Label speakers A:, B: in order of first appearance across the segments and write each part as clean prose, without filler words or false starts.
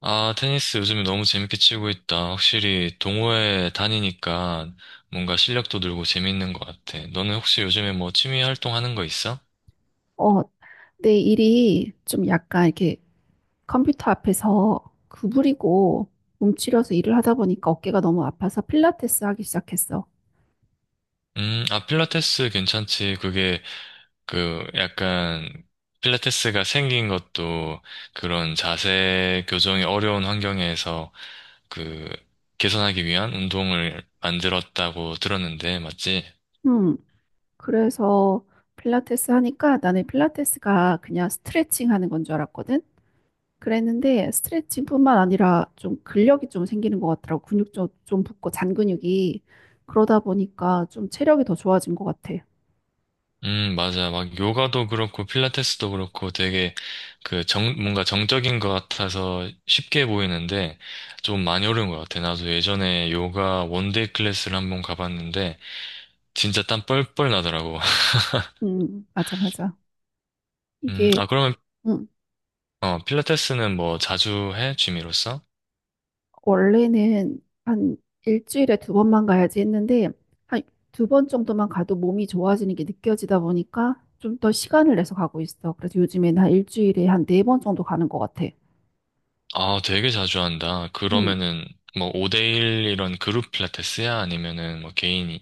A: 아, 테니스 요즘에 너무 재밌게 치고 있다. 확실히 동호회 다니니까 뭔가 실력도 늘고 재밌는 것 같아. 너는 혹시 요즘에 뭐 취미 활동 하는 거 있어?
B: 어, 내 일이 좀 약간 이렇게 컴퓨터 앞에서 구부리고 움츠려서 일을 하다 보니까 어깨가 너무 아파서 필라테스 하기 시작했어.
A: 아, 필라테스 괜찮지. 그게 그 약간 필라테스가 생긴 것도 그런 자세 교정이 어려운 환경에서 그 개선하기 위한 운동을 만들었다고 들었는데, 맞지?
B: 음, 그래서 필라테스 하니까 나는 필라테스가 그냥 스트레칭 하는 건 줄 알았거든. 그랬는데 스트레칭뿐만 아니라 좀 근력이 좀 생기는 것 같더라고. 근육 좀 붓고 잔 근육이. 그러다 보니까 좀 체력이 더 좋아진 것 같아.
A: 맞아. 막 요가도 그렇고 필라테스도 그렇고 되게 그 뭔가 정적인 것 같아서 쉽게 보이는데 좀 많이 어려운 것 같아. 나도 예전에 요가 원데이 클래스를 한번 가봤는데 진짜 땀 뻘뻘 나더라고.
B: 맞아, 맞아. 이게,
A: 아, 그러면,
B: 음.
A: 필라테스는 뭐 자주 해? 취미로서?
B: 원래는 한 일주일에 두 번만 가야지 했는데 한 두 번 정도만 가도 몸이 좋아지는 게 느껴지다 보니까 좀 더 시간을 내서 가고 있어. 그래서 요즘에는 한 일주일에 한 네 번 정도 가는 것 같아.
A: 아, 되게 자주 한다.
B: 음.
A: 그러면은 뭐 5대1 이런 그룹 필라테스야? 아니면은 뭐 개인이야?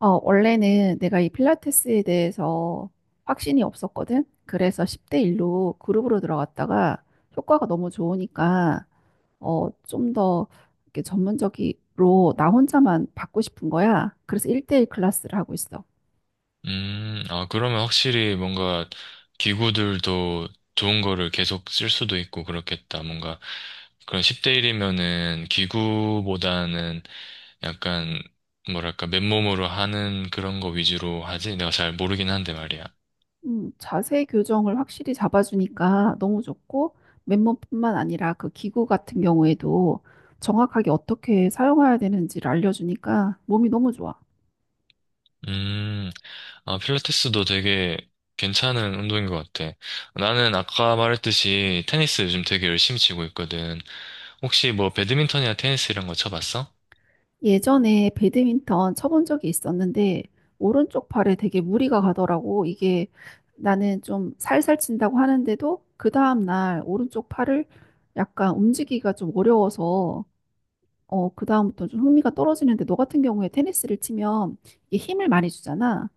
B: 원래는 내가 이 필라테스에 대해서 확신이 없었거든. 그래서 10대 1로 그룹으로 들어갔다가 효과가 너무 좋으니까 좀 더 이렇게 전문적으로 나 혼자만 받고 싶은 거야. 그래서 1대1 클래스를 하고 있어.
A: 아, 그러면 확실히 뭔가 기구들도 좋은 거를 계속 쓸 수도 있고 그렇겠다. 뭔가 그런 10대 1이면은 기구보다는 약간 뭐랄까 맨몸으로 하는 그런 거 위주로 하지? 내가 잘 모르긴 한데 말이야.
B: 자세 교정을 확실히 잡아주니까 너무 좋고, 맨몸뿐만 아니라 그 기구 같은 경우에도 정확하게 어떻게 사용해야 되는지를 알려주니까 몸이 너무 좋아.
A: 음, 아, 필라테스도 되게 괜찮은 운동인 것 같아. 나는 아까 말했듯이 테니스 요즘 되게 열심히 치고 있거든. 혹시 뭐 배드민턴이나 테니스 이런 거 쳐봤어?
B: 예전에 배드민턴 쳐본 적이 있었는데, 오른쪽 팔에 되게 무리가 가더라고. 이게 나는 좀 살살 친다고 하는데도, 그 다음날 오른쪽 팔을 약간 움직이기가 좀 어려워서, 그 다음부터 좀 흥미가 떨어지는데, 너 같은 경우에 테니스를 치면 이게 힘을 많이 주잖아.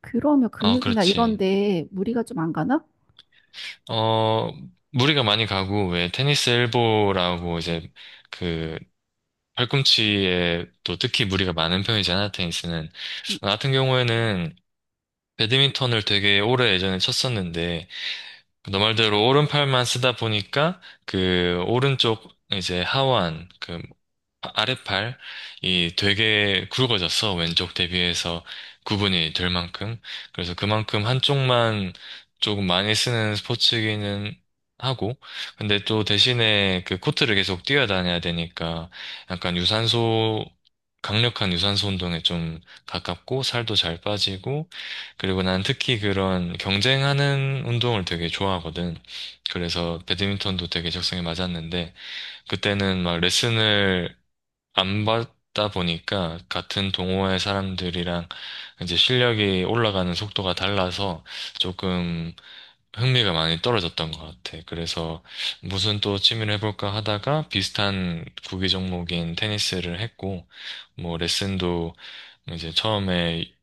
B: 그러면
A: 아,
B: 근육이나
A: 그렇지.
B: 이런데 무리가 좀 안 가나?
A: 어, 무리가 많이 가고, 왜, 테니스 엘보라고 이제, 그, 팔꿈치에 또 특히 무리가 많은 편이잖아, 테니스는.
B: 음,
A: 나 같은 경우에는 배드민턴을 되게 오래 예전에 쳤었는데, 너 말대로 오른팔만 쓰다 보니까 그 오른쪽 이제 하완 그 아랫팔이 되게 굵어졌어. 왼쪽 대비해서 구분이 될 만큼. 그래서 그만큼 한쪽만 조금 많이 쓰는 스포츠기는 하고 근데 또 대신에 그 코트를 계속 뛰어다녀야 되니까 약간 유산소 강력한 유산소 운동에 좀 가깝고 살도 잘 빠지고 그리고 난 특히 그런 경쟁하는 운동을 되게 좋아하거든. 그래서 배드민턴도 되게 적성에 맞았는데, 그때는 막 레슨을 안 받다 보니까 같은 동호회 사람들이랑 이제 실력이 올라가는 속도가 달라서 조금 흥미가 많이 떨어졌던 것 같아. 그래서 무슨 또 취미를 해볼까 하다가 비슷한 구기 종목인 테니스를 했고, 뭐 레슨도 이제 처음에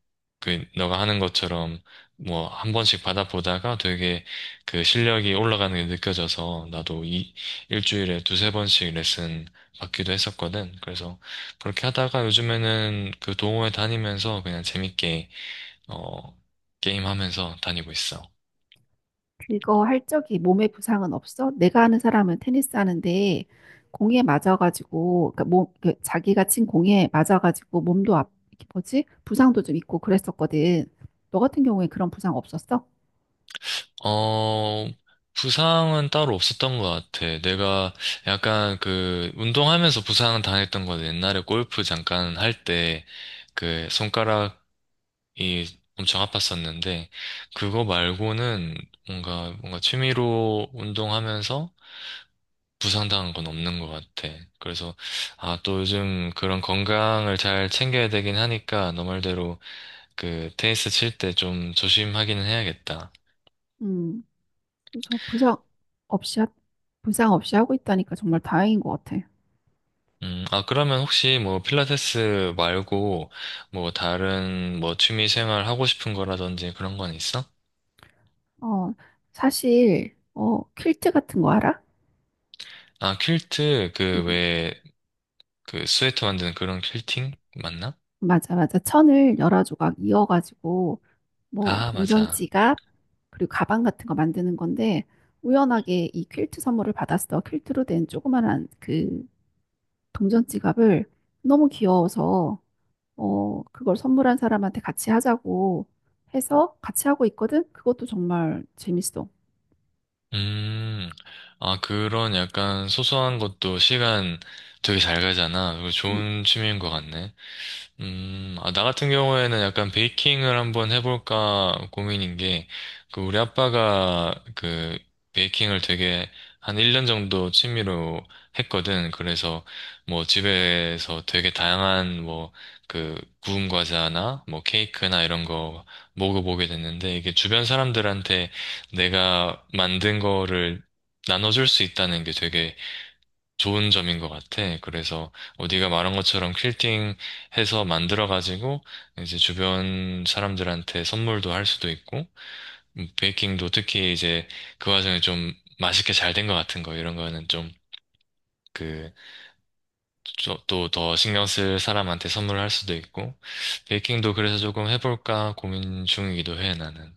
A: 그 너가 하는 것처럼 뭐 한 번씩 받아보다가 되게 그 실력이 올라가는 게 느껴져서 나도 이 일주일에 두세 번씩 레슨 받기도 했었거든. 그래서 그렇게 하다가 요즘에는 그 동호회 다니면서 그냥 재밌게 어 게임하면서 다니고 있어.
B: 그거 할 적이 몸에 부상은 없어? 내가 아는 사람은 테니스 하는데 공에 맞아가지고 그러니까 몸, 그 자기가 친 공에 맞아가지고 몸도 앞, 이게 뭐지? 부상도 좀 있고 그랬었거든. 너 같은 경우에 그런 부상 없었어?
A: 어, 부상은 따로 없었던 것 같아. 내가 약간 그 운동하면서 부상 당했던 건 옛날에 골프 잠깐 할 때 그 손가락이 엄청 아팠었는데 그거 말고는 뭔가 취미로 운동하면서 부상당한 건 없는 것 같아. 그래서 아, 또 요즘 그런 건강을 잘 챙겨야 되긴 하니까 너 말대로 그 테니스 칠 때 좀 조심하기는 해야겠다.
B: 음, 그래서 부상 없이 부상 없이 하고 있다니까 정말 다행인 것 같아.
A: 아, 그러면 혹시 뭐 필라테스 말고 뭐 다른 뭐 취미 생활 하고 싶은 거라든지 그런 건 있어?
B: 어, 사실 퀼트 같은 거 알아?
A: 아, 퀼트
B: 음,
A: 그 왜 그 스웨터 만드는 그런 퀼팅 맞나?
B: 맞아, 맞아. 천을 여러 조각 이어가지고 뭐
A: 아,
B: 동전
A: 맞아.
B: 지갑 그리고 가방 같은 거 만드는 건데 우연하게 이 퀼트 선물을 받았어. 퀼트로 된 조그만한 그 동전 지갑을 너무 귀여워서 그걸 선물한 사람한테 같이 하자고 해서 같이 하고 있거든. 그것도 정말 재밌어.
A: 음, 아, 그런 약간 소소한 것도 시간 되게 잘 가잖아. 그거 좋은 취미인 것 같네. 아, 나 같은 경우에는 약간 베이킹을 한번 해볼까 고민인 게, 그, 우리 아빠가 그, 베이킹을 되게 한 1년 정도 취미로 했거든. 그래서 뭐 집에서 되게 다양한 뭐, 그, 구운 과자나 뭐 케이크나 이런 거 먹어보게 됐는데, 이게 주변 사람들한테 내가 만든 거를 나눠줄 수 있다는 게 되게 좋은 점인 것 같아. 그래서 네가 말한 것처럼 퀼팅 해서 만들어가지고 이제 주변 사람들한테 선물도 할 수도 있고 베이킹도 특히 이제 그 와중에 좀 맛있게 잘 된 것 같은 거 이런 거는 좀 그, 또 더 신경 쓸 사람한테 선물을 할 수도 있고 베이킹도 그래서 조금 해볼까 고민 중이기도 해 나는.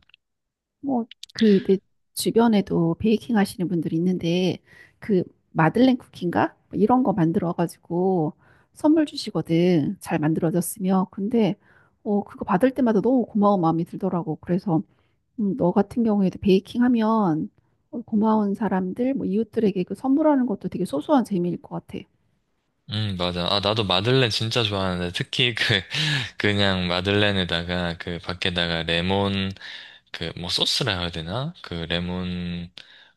B: 뭐, 그, 내 주변에도 베이킹 하시는 분들이 있는데, 그, 마들렌 쿠키인가? 뭐 이런 거 만들어가지고 선물 주시거든. 잘 만들어졌으면. 근데, 그거 받을 때마다 너무 고마운 마음이 들더라고. 그래서, 너 같은 경우에도 베이킹 하면 고마운 사람들, 뭐, 이웃들에게 그 선물하는 것도 되게 소소한 재미일 것 같아.
A: 맞아. 아, 나도 마들렌 진짜 좋아하는데, 특히 그, 그냥 마들렌에다가 그 밖에다가 레몬, 그 뭐 소스라 해야 되나? 그 레몬,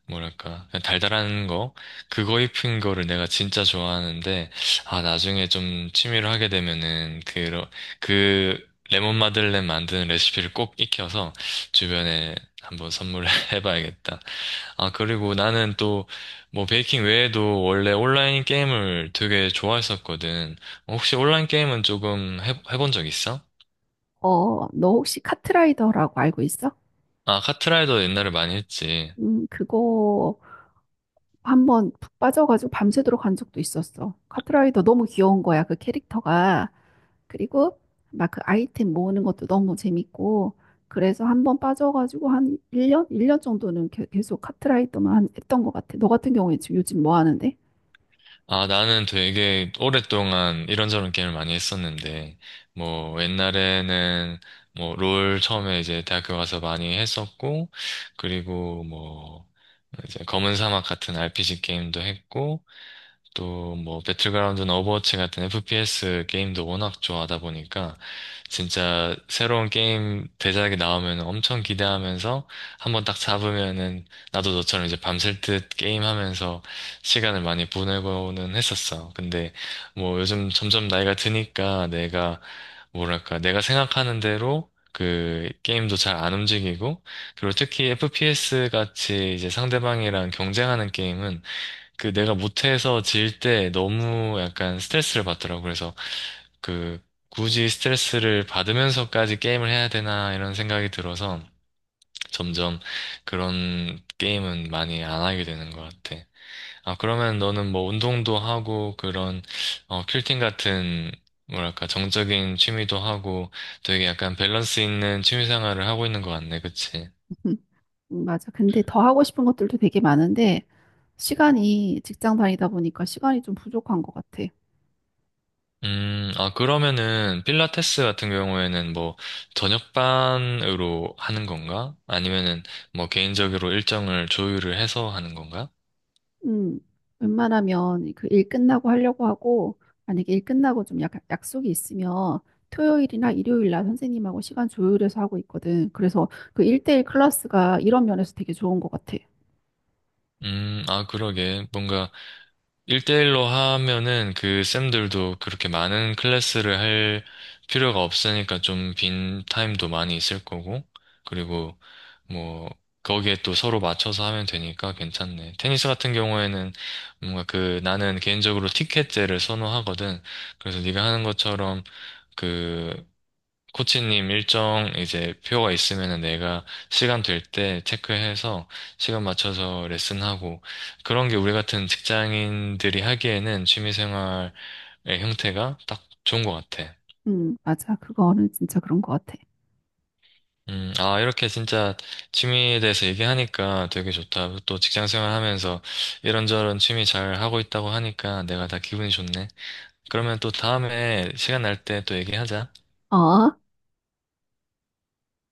A: 뭐랄까, 그냥 달달한 거? 그거 입힌 거를 내가 진짜 좋아하는데, 아, 나중에 좀 취미로 하게 되면은, 그, 그 레몬 마들렌 만드는 레시피를 꼭 익혀서 주변에 한번 선물해 봐야겠다. 아, 그리고 나는 또, 뭐, 베이킹 외에도 원래 온라인 게임을 되게 좋아했었거든. 혹시 온라인 게임은 조금 해본 적 있어?
B: 너 혹시 카트라이더라고 알고 있어?
A: 아, 카트라이더 옛날에 많이 했지.
B: 그거 한번 푹 빠져가지고 밤새도록 간 적도 있었어. 카트라이더 너무 귀여운 거야, 그 캐릭터가. 그리고 막 그 아이템 모으는 것도 너무 재밌고. 그래서 한 번 빠져가지고 한 1년, 일 년 정도는 계속 카트라이더만 했던 것 같아. 너 같은 경우에 지금 요즘 뭐 하는데?
A: 아, 나는 되게 오랫동안 이런저런 게임을 많이 했었는데, 뭐, 옛날에는, 뭐, 롤 처음에 이제 대학교 가서 많이 했었고, 그리고 뭐, 이제 검은 사막 같은 RPG 게임도 했고, 또 뭐 배틀그라운드나 오버워치 같은 FPS 게임도 워낙 좋아하다 보니까 진짜 새로운 게임 대작이 나오면 엄청 기대하면서 한번 딱 잡으면은 나도 너처럼 이제 밤샐 듯 게임하면서 시간을 많이 보내고는 했었어. 근데 뭐 요즘 점점 나이가 드니까 내가 뭐랄까 내가 생각하는 대로 그 게임도 잘 안 움직이고 그리고 특히 FPS 같이 이제 상대방이랑 경쟁하는 게임은 그 내가 못해서 질 때 너무 약간 스트레스를 받더라고. 그래서 그 굳이 스트레스를 받으면서까지 게임을 해야 되나 이런 생각이 들어서 점점 그런 게임은 많이 안 하게 되는 것 같아. 아, 그러면 너는 뭐 운동도 하고 그런 퀼팅 같은 뭐랄까 정적인 취미도 하고 되게 약간 밸런스 있는 취미 생활을 하고 있는 것 같네. 그치?
B: 맞아. 근데 더 하고 싶은 것들도 되게 많은데, 시간이 직장 다니다 보니까 시간이 좀 부족한 것 같아.
A: 아, 그러면은, 필라테스 같은 경우에는 뭐, 저녁반으로 하는 건가? 아니면은, 뭐, 개인적으로 일정을 조율을 해서 하는 건가?
B: 음, 웬만하면 그 일 끝나고 하려고 하고, 만약에 일 끝나고 좀 약속이 있으면 토요일이나 일요일 날 선생님하고 시간 조율해서 하고 있거든. 그래서 그 1대1 클래스가 이런 면에서 되게 좋은 것 같아.
A: 아, 그러게. 뭔가, 일대일로 하면은 그 쌤들도 그렇게 많은 클래스를 할 필요가 없으니까 좀 빈 타임도 많이 있을 거고, 그리고 뭐, 거기에 또 서로 맞춰서 하면 되니까 괜찮네. 테니스 같은 경우에는 뭔가 그 나는 개인적으로 티켓제를 선호하거든. 그래서 네가 하는 것처럼 그 코치님 일정 이제 표가 있으면은 내가 시간 될 때 체크해서 시간 맞춰서 레슨하고 그런 게 우리 같은 직장인들이 하기에는 취미생활의 형태가 딱 좋은 것 같아.
B: 맞아. 그거는 진짜 그런 것 같아.
A: 아, 이렇게 진짜 취미에 대해서 얘기하니까 되게 좋다. 또 직장생활 하면서 이런저런 취미 잘 하고 있다고 하니까 내가 다 기분이 좋네. 그러면 또 다음에 시간 날 때 또 얘기하자.
B: 어?